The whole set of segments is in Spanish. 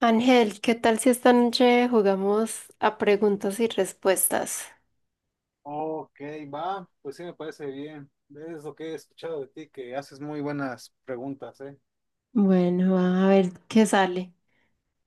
Ángel, ¿qué tal si esta noche jugamos a preguntas y respuestas? Ok, va, pues sí me parece bien. Es lo que he escuchado de ti, que haces muy buenas preguntas, ¿eh? Bueno, a ver qué sale.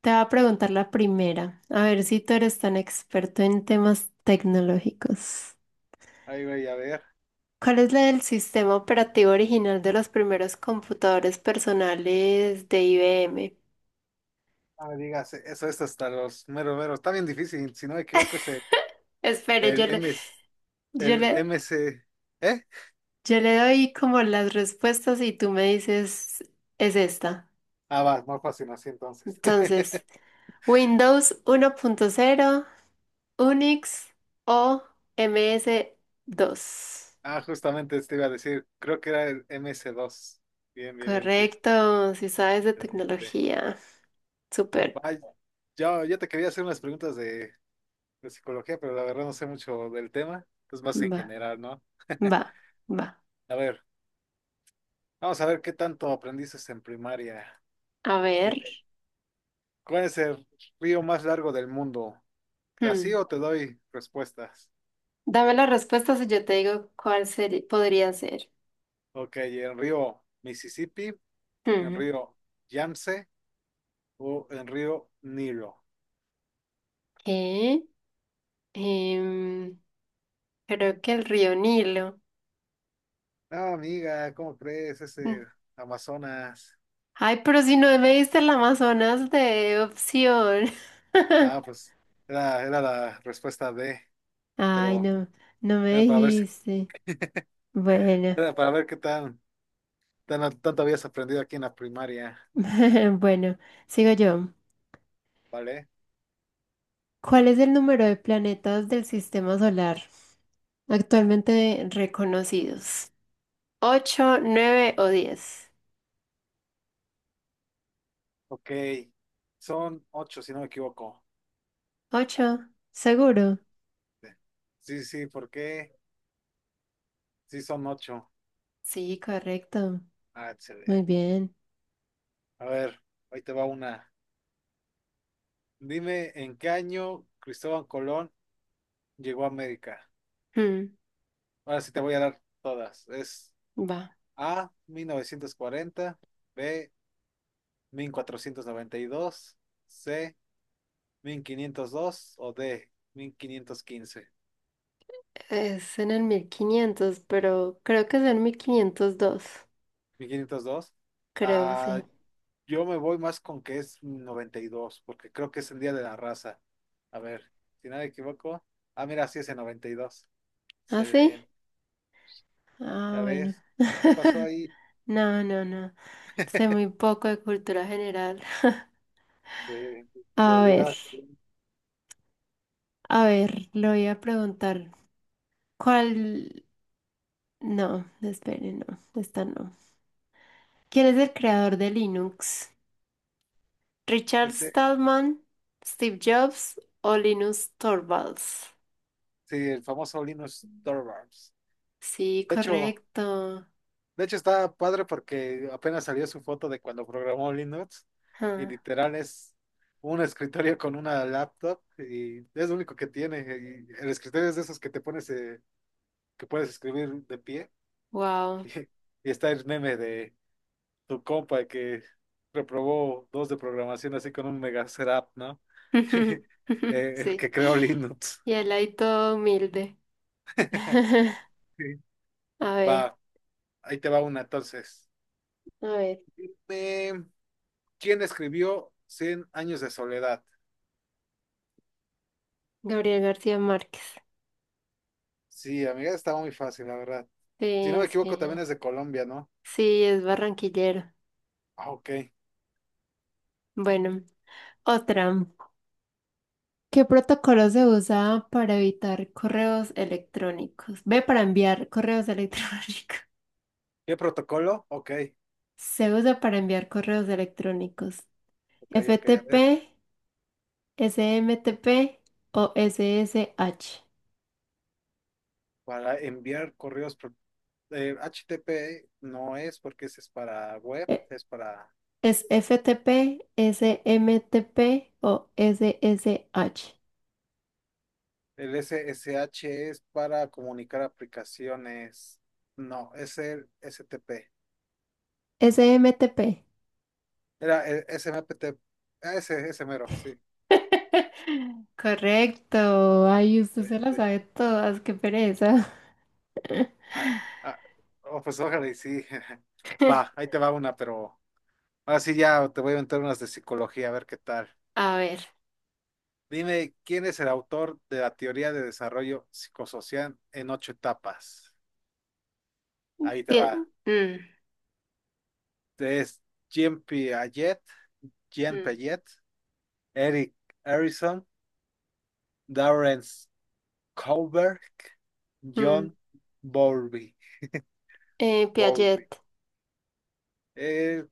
Te voy a preguntar la primera, a ver si tú eres tan experto en temas tecnológicos. Ahí voy a ver. ¿Cuál es la del sistema operativo original de los primeros computadores personales de IBM? Ah, me digas, eso es hasta los meros meros. Está bien difícil, si no me equivoco es Espere, el M, S, yo el le, M C, ¿eh? yo le doy como las respuestas y tú me dices, es esta. Ah, va, más fácil así entonces. Entonces, Windows 1.0. Unix o MS-DOS. Ah, justamente te iba a decir, creo que era el M C dos. Bien, bien, bien, sí. Correcto, si sabes de Excelente. tecnología. Súper. Vaya, yo te quería hacer unas preguntas de psicología, pero la verdad no sé mucho del tema, es más en Va, general, ¿no? va, va. A ver. Vamos a ver qué tanto aprendiste en primaria. A ver. Dime, ¿cuál es el río más largo del mundo? ¿Así hmm, o te doy respuestas? Dame las respuestas y yo te digo cuál podría ser. Ok, ¿el río Mississippi, el Hmm. río Yamse o el río Nilo? ¿Qué? Em, Creo que el río Nilo. No, amiga, ¿cómo crees? Mm. Ese Amazonas. Ay, pero si no me diste el Amazonas de opción. Ah, pues era la respuesta D, Ay, pero no, no me era para ver si, dijiste. Bueno, era para ver qué tan tanto habías aprendido aquí en la primaria, bueno, sigo yo. ¿vale? ¿Cuál es el número de planetas del sistema solar actualmente reconocidos? ¿Ocho, nueve o diez? Ok, son ocho, si no me equivoco. ¿Ocho? ¿Seguro? Sí, sí, ¿por qué? Sí, son ocho. Sí, correcto. Ah, Muy excelente. bien. A ver, ahí te va una. Dime en qué año Cristóbal Colón llegó a América. Hmm, Ahora sí te voy a dar todas. Es va. A, mil novecientos cuarenta, B, mil cuatrocientos noventa y dos, C, 1502 o D, mil quinientos quince. Es en el 1500, pero creo que es en 1502. Mil quinientos dos. Creo, Ah, sí. yo me voy más con que es 92 porque creo que es el Día de la Raza. A ver, si no me equivoco. Ah, mira, sí es el noventa y dos. ¿Ah, sí? Excelente. Ah, Ya bueno. ves, ¿qué pasó ahí? No, no, no. Sé muy poco de cultura general. De, de la A ver, llegada. a ver, lo voy a preguntar. ¿Cuál? No, espere, no, esta no. ¿Quién es el creador de Linux? ¿Richard Ese, Stallman, Steve Jobs o Linus Torvalds? sí, el famoso Linus Torvalds. Sí, De hecho, correcto. De hecho, está padre porque apenas salió su foto de cuando programó Linux y Ah, literal es un escritorio con una laptop y es lo único que tiene. Y el escritorio es de esos que te pones, que puedes escribir de pie. wow. Y está el meme de tu compa que reprobó dos de programación así con un mega setup, ¿no? El Sí. que creó Linux. Y él ahí todo humilde. Sí. A ver, Va, ahí te va una entonces. a ver. Eh, ¿Quién escribió Cien años de soledad? Gabriel García Márquez. Sí, amiga, estaba muy fácil, la verdad. Si no Sí, me sí. equivoco, también es de Colombia, ¿no? Sí, es barranquillero. Ah, ok. Bueno, otra. ¿Qué protocolo se usa para evitar correos electrónicos? Ve para enviar correos electrónicos. ¿Qué protocolo? Ok, Se usa para enviar correos electrónicos. ok, ok. A ver, FTP, SMTP o SSH. para enviar correos, HTTP no es porque ese es para web, Eh, es para... Es FTP, SMTP o SSH. El SSH es para comunicar aplicaciones. No, es el S T P. SMTP. Era el S M P T. Ah, ese mero, sí. Correcto. Ay, usted se las Este, sabe todas. Qué pereza. ah, ah, oh, pues ojalá y sí. Va, ahí te va una, pero ahora sí ya te voy a inventar unas de psicología, a ver qué tal. A ver. Dime, ¿quién es el autor de la teoría de desarrollo psicosocial en ocho etapas? Ahí te Bien. va. Mm, Es Jean Piaget, Jean mm, Piaget, Eric Erickson, Darren Kohlberg, mm. John Bowlby. Piaget, Bowlby. Eh,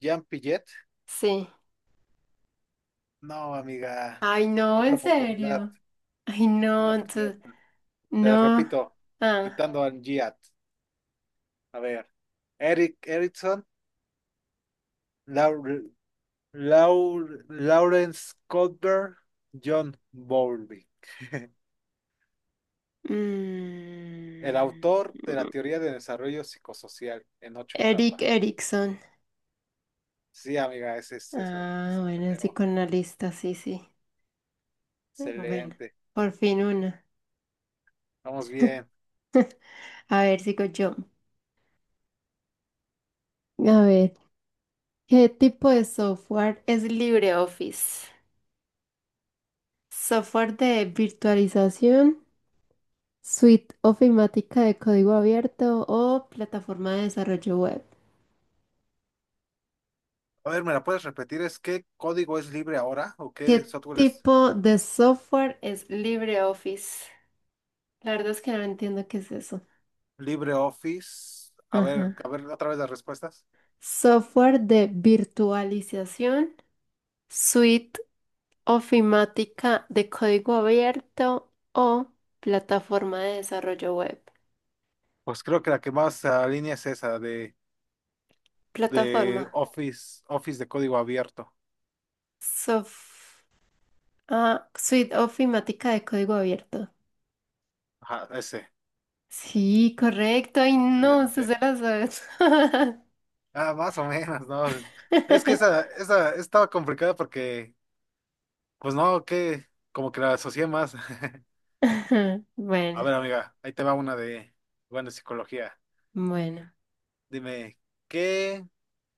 Jean Piaget. sí. No, amiga. Ay, no, Otra en oportunidad. serio. Ay, Una no, oportunidad entonces, más. Te las no. repito, Ah. quitando al Giat. A ver. Eric Erickson. Laur Lawrence Kohlberg, John Bowlby, el mm, autor de la teoría de desarrollo psicosocial en ocho Eric etapas. Erickson. Sí, amiga, ese es eso. Ah, bueno, Excelente. psicoanalista, sí, sí. Bueno, por fin una. Vamos bien. A ver, sigo yo. A ver, ¿qué tipo de software es LibreOffice? ¿Software de virtualización, suite ofimática de código abierto o plataforma de desarrollo web? A ver, ¿me la puedes repetir? ¿Es qué código es libre ahora? ¿O qué ¿Qué software es tipo de software es LibreOffice? La verdad es que no entiendo qué es eso. libre Office? A Ajá. ver otra vez las respuestas. Software de virtualización, suite ofimática de código abierto o plataforma de desarrollo web. Pues creo que la que más se alinea es esa Plataforma. de Office, Office de código abierto. Sof- suite ofimática de código abierto. Ajá, ese. Sí, correcto. Ay, no, se la sabes. Ah, más o menos, ¿no? Es que esa estaba complicada porque, pues no, que como que la asocié más. A Bueno, ver, amiga, ahí te va una de, bueno, psicología. bueno. Dime, ¿qué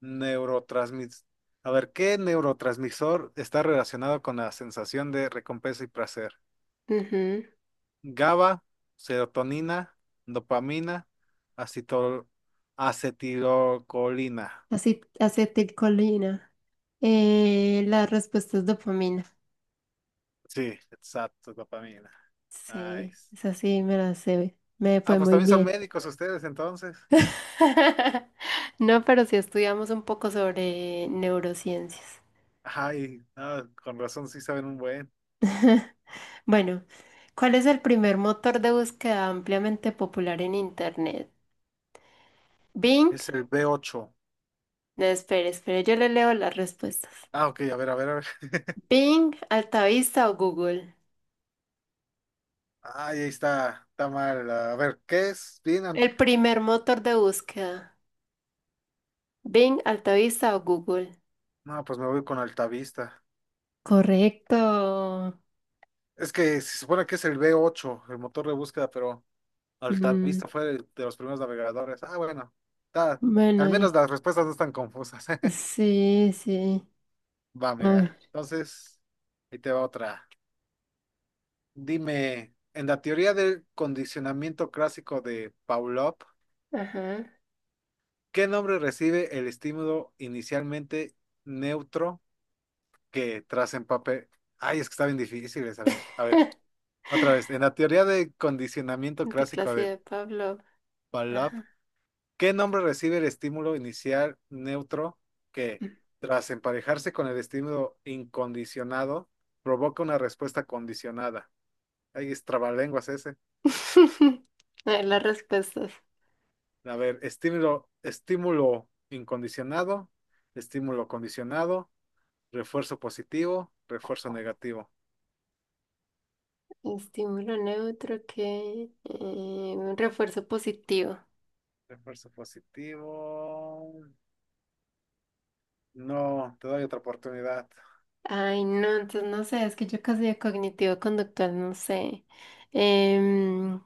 neurotransmis... A ver, ¿qué neurotransmisor está relacionado con la sensación de recompensa y placer? Ujú. GABA, serotonina, dopamina, acetol... acetilocolina. Acetilcolina. La respuesta es dopamina. Sí, exacto, dopamina. Sí, Nice. esa sí me la sé. Me Ah, fue pues muy también son bien. médicos ustedes entonces. No, pero sí estudiamos un poco sobre neurociencias. Ay, ah, con razón sí saben un buen. Bueno, ¿cuál es el primer motor de búsqueda ampliamente popular en Internet? Bing. Es el b ocho. No, espere, espere, yo le leo las respuestas. Ah, ok, a ver, a ver, a ver. Bing, Altavista o Google. Ay, ahí está, está mal. A ver, ¿qué es? Bien, El primer motor de búsqueda. Bing, Altavista o Google. no, pues me voy con Altavista. Correcto. Es que se supone que es el b ocho, el motor de búsqueda, pero Mm, Altavista fue de los primeros navegadores. Ah, bueno, está, al bueno, menos las respuestas no están confusas. sí, sí. Va, A amiga. ver. Entonces, ahí te va otra. Dime, en la teoría del condicionamiento clásico de Pavlov, Ajá. ¿qué nombre recibe el estímulo inicialmente neutro que tras empape? Ay, es que está bien difícil esa, amiga. A ver, otra vez. En la teoría de condicionamiento De clásico clase de de Pablo. Pavlov, Ajá. ¿qué nombre recibe el estímulo inicial neutro que tras emparejarse con el estímulo incondicionado provoca una respuesta condicionada? Ay, es trabalenguas ese. A ver, las respuestas. A ver, estímulo incondicionado, estímulo condicionado, refuerzo positivo, refuerzo negativo. Estímulo neutro que un refuerzo positivo. Refuerzo positivo. No, te doy otra oportunidad. Ay, no, entonces no sé, es que yo casi de cognitivo conductual, no sé. Em,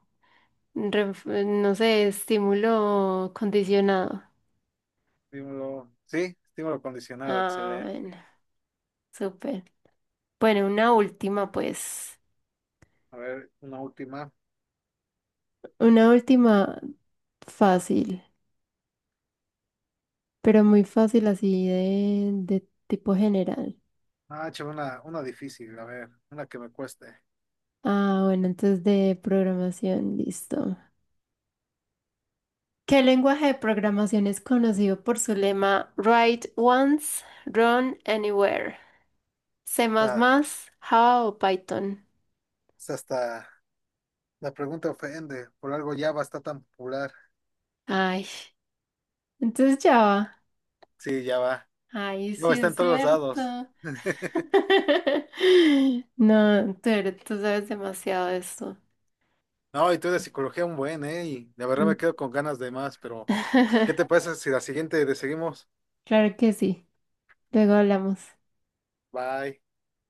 no sé, estímulo condicionado. Estímulo. Sí, estímulo condicionado, Ah, excelente. bueno, súper. Bueno, una última, pues. A ver, una última. Una última fácil, pero muy fácil así de tipo general. Ah, che, una difícil, a ver, una que me cueste. Ah, bueno, entonces de programación, listo. ¿Qué lenguaje de programación es conocido por su lema Write once, run anywhere? ¿C++, Ah, Java o Python? es hasta la pregunta ofende. Por algo Java está tan popular. Ay, entonces Java. Sí, Java. Ay, Java sí está en es todos los lados. cierto. No, tú, tú sabes demasiado de esto. No, y tú de psicología un buen, ¿eh? Y la verdad me quedo con ganas de más, pero ¿qué te parece si la siguiente le seguimos? Claro que sí. Luego hablamos. Bye.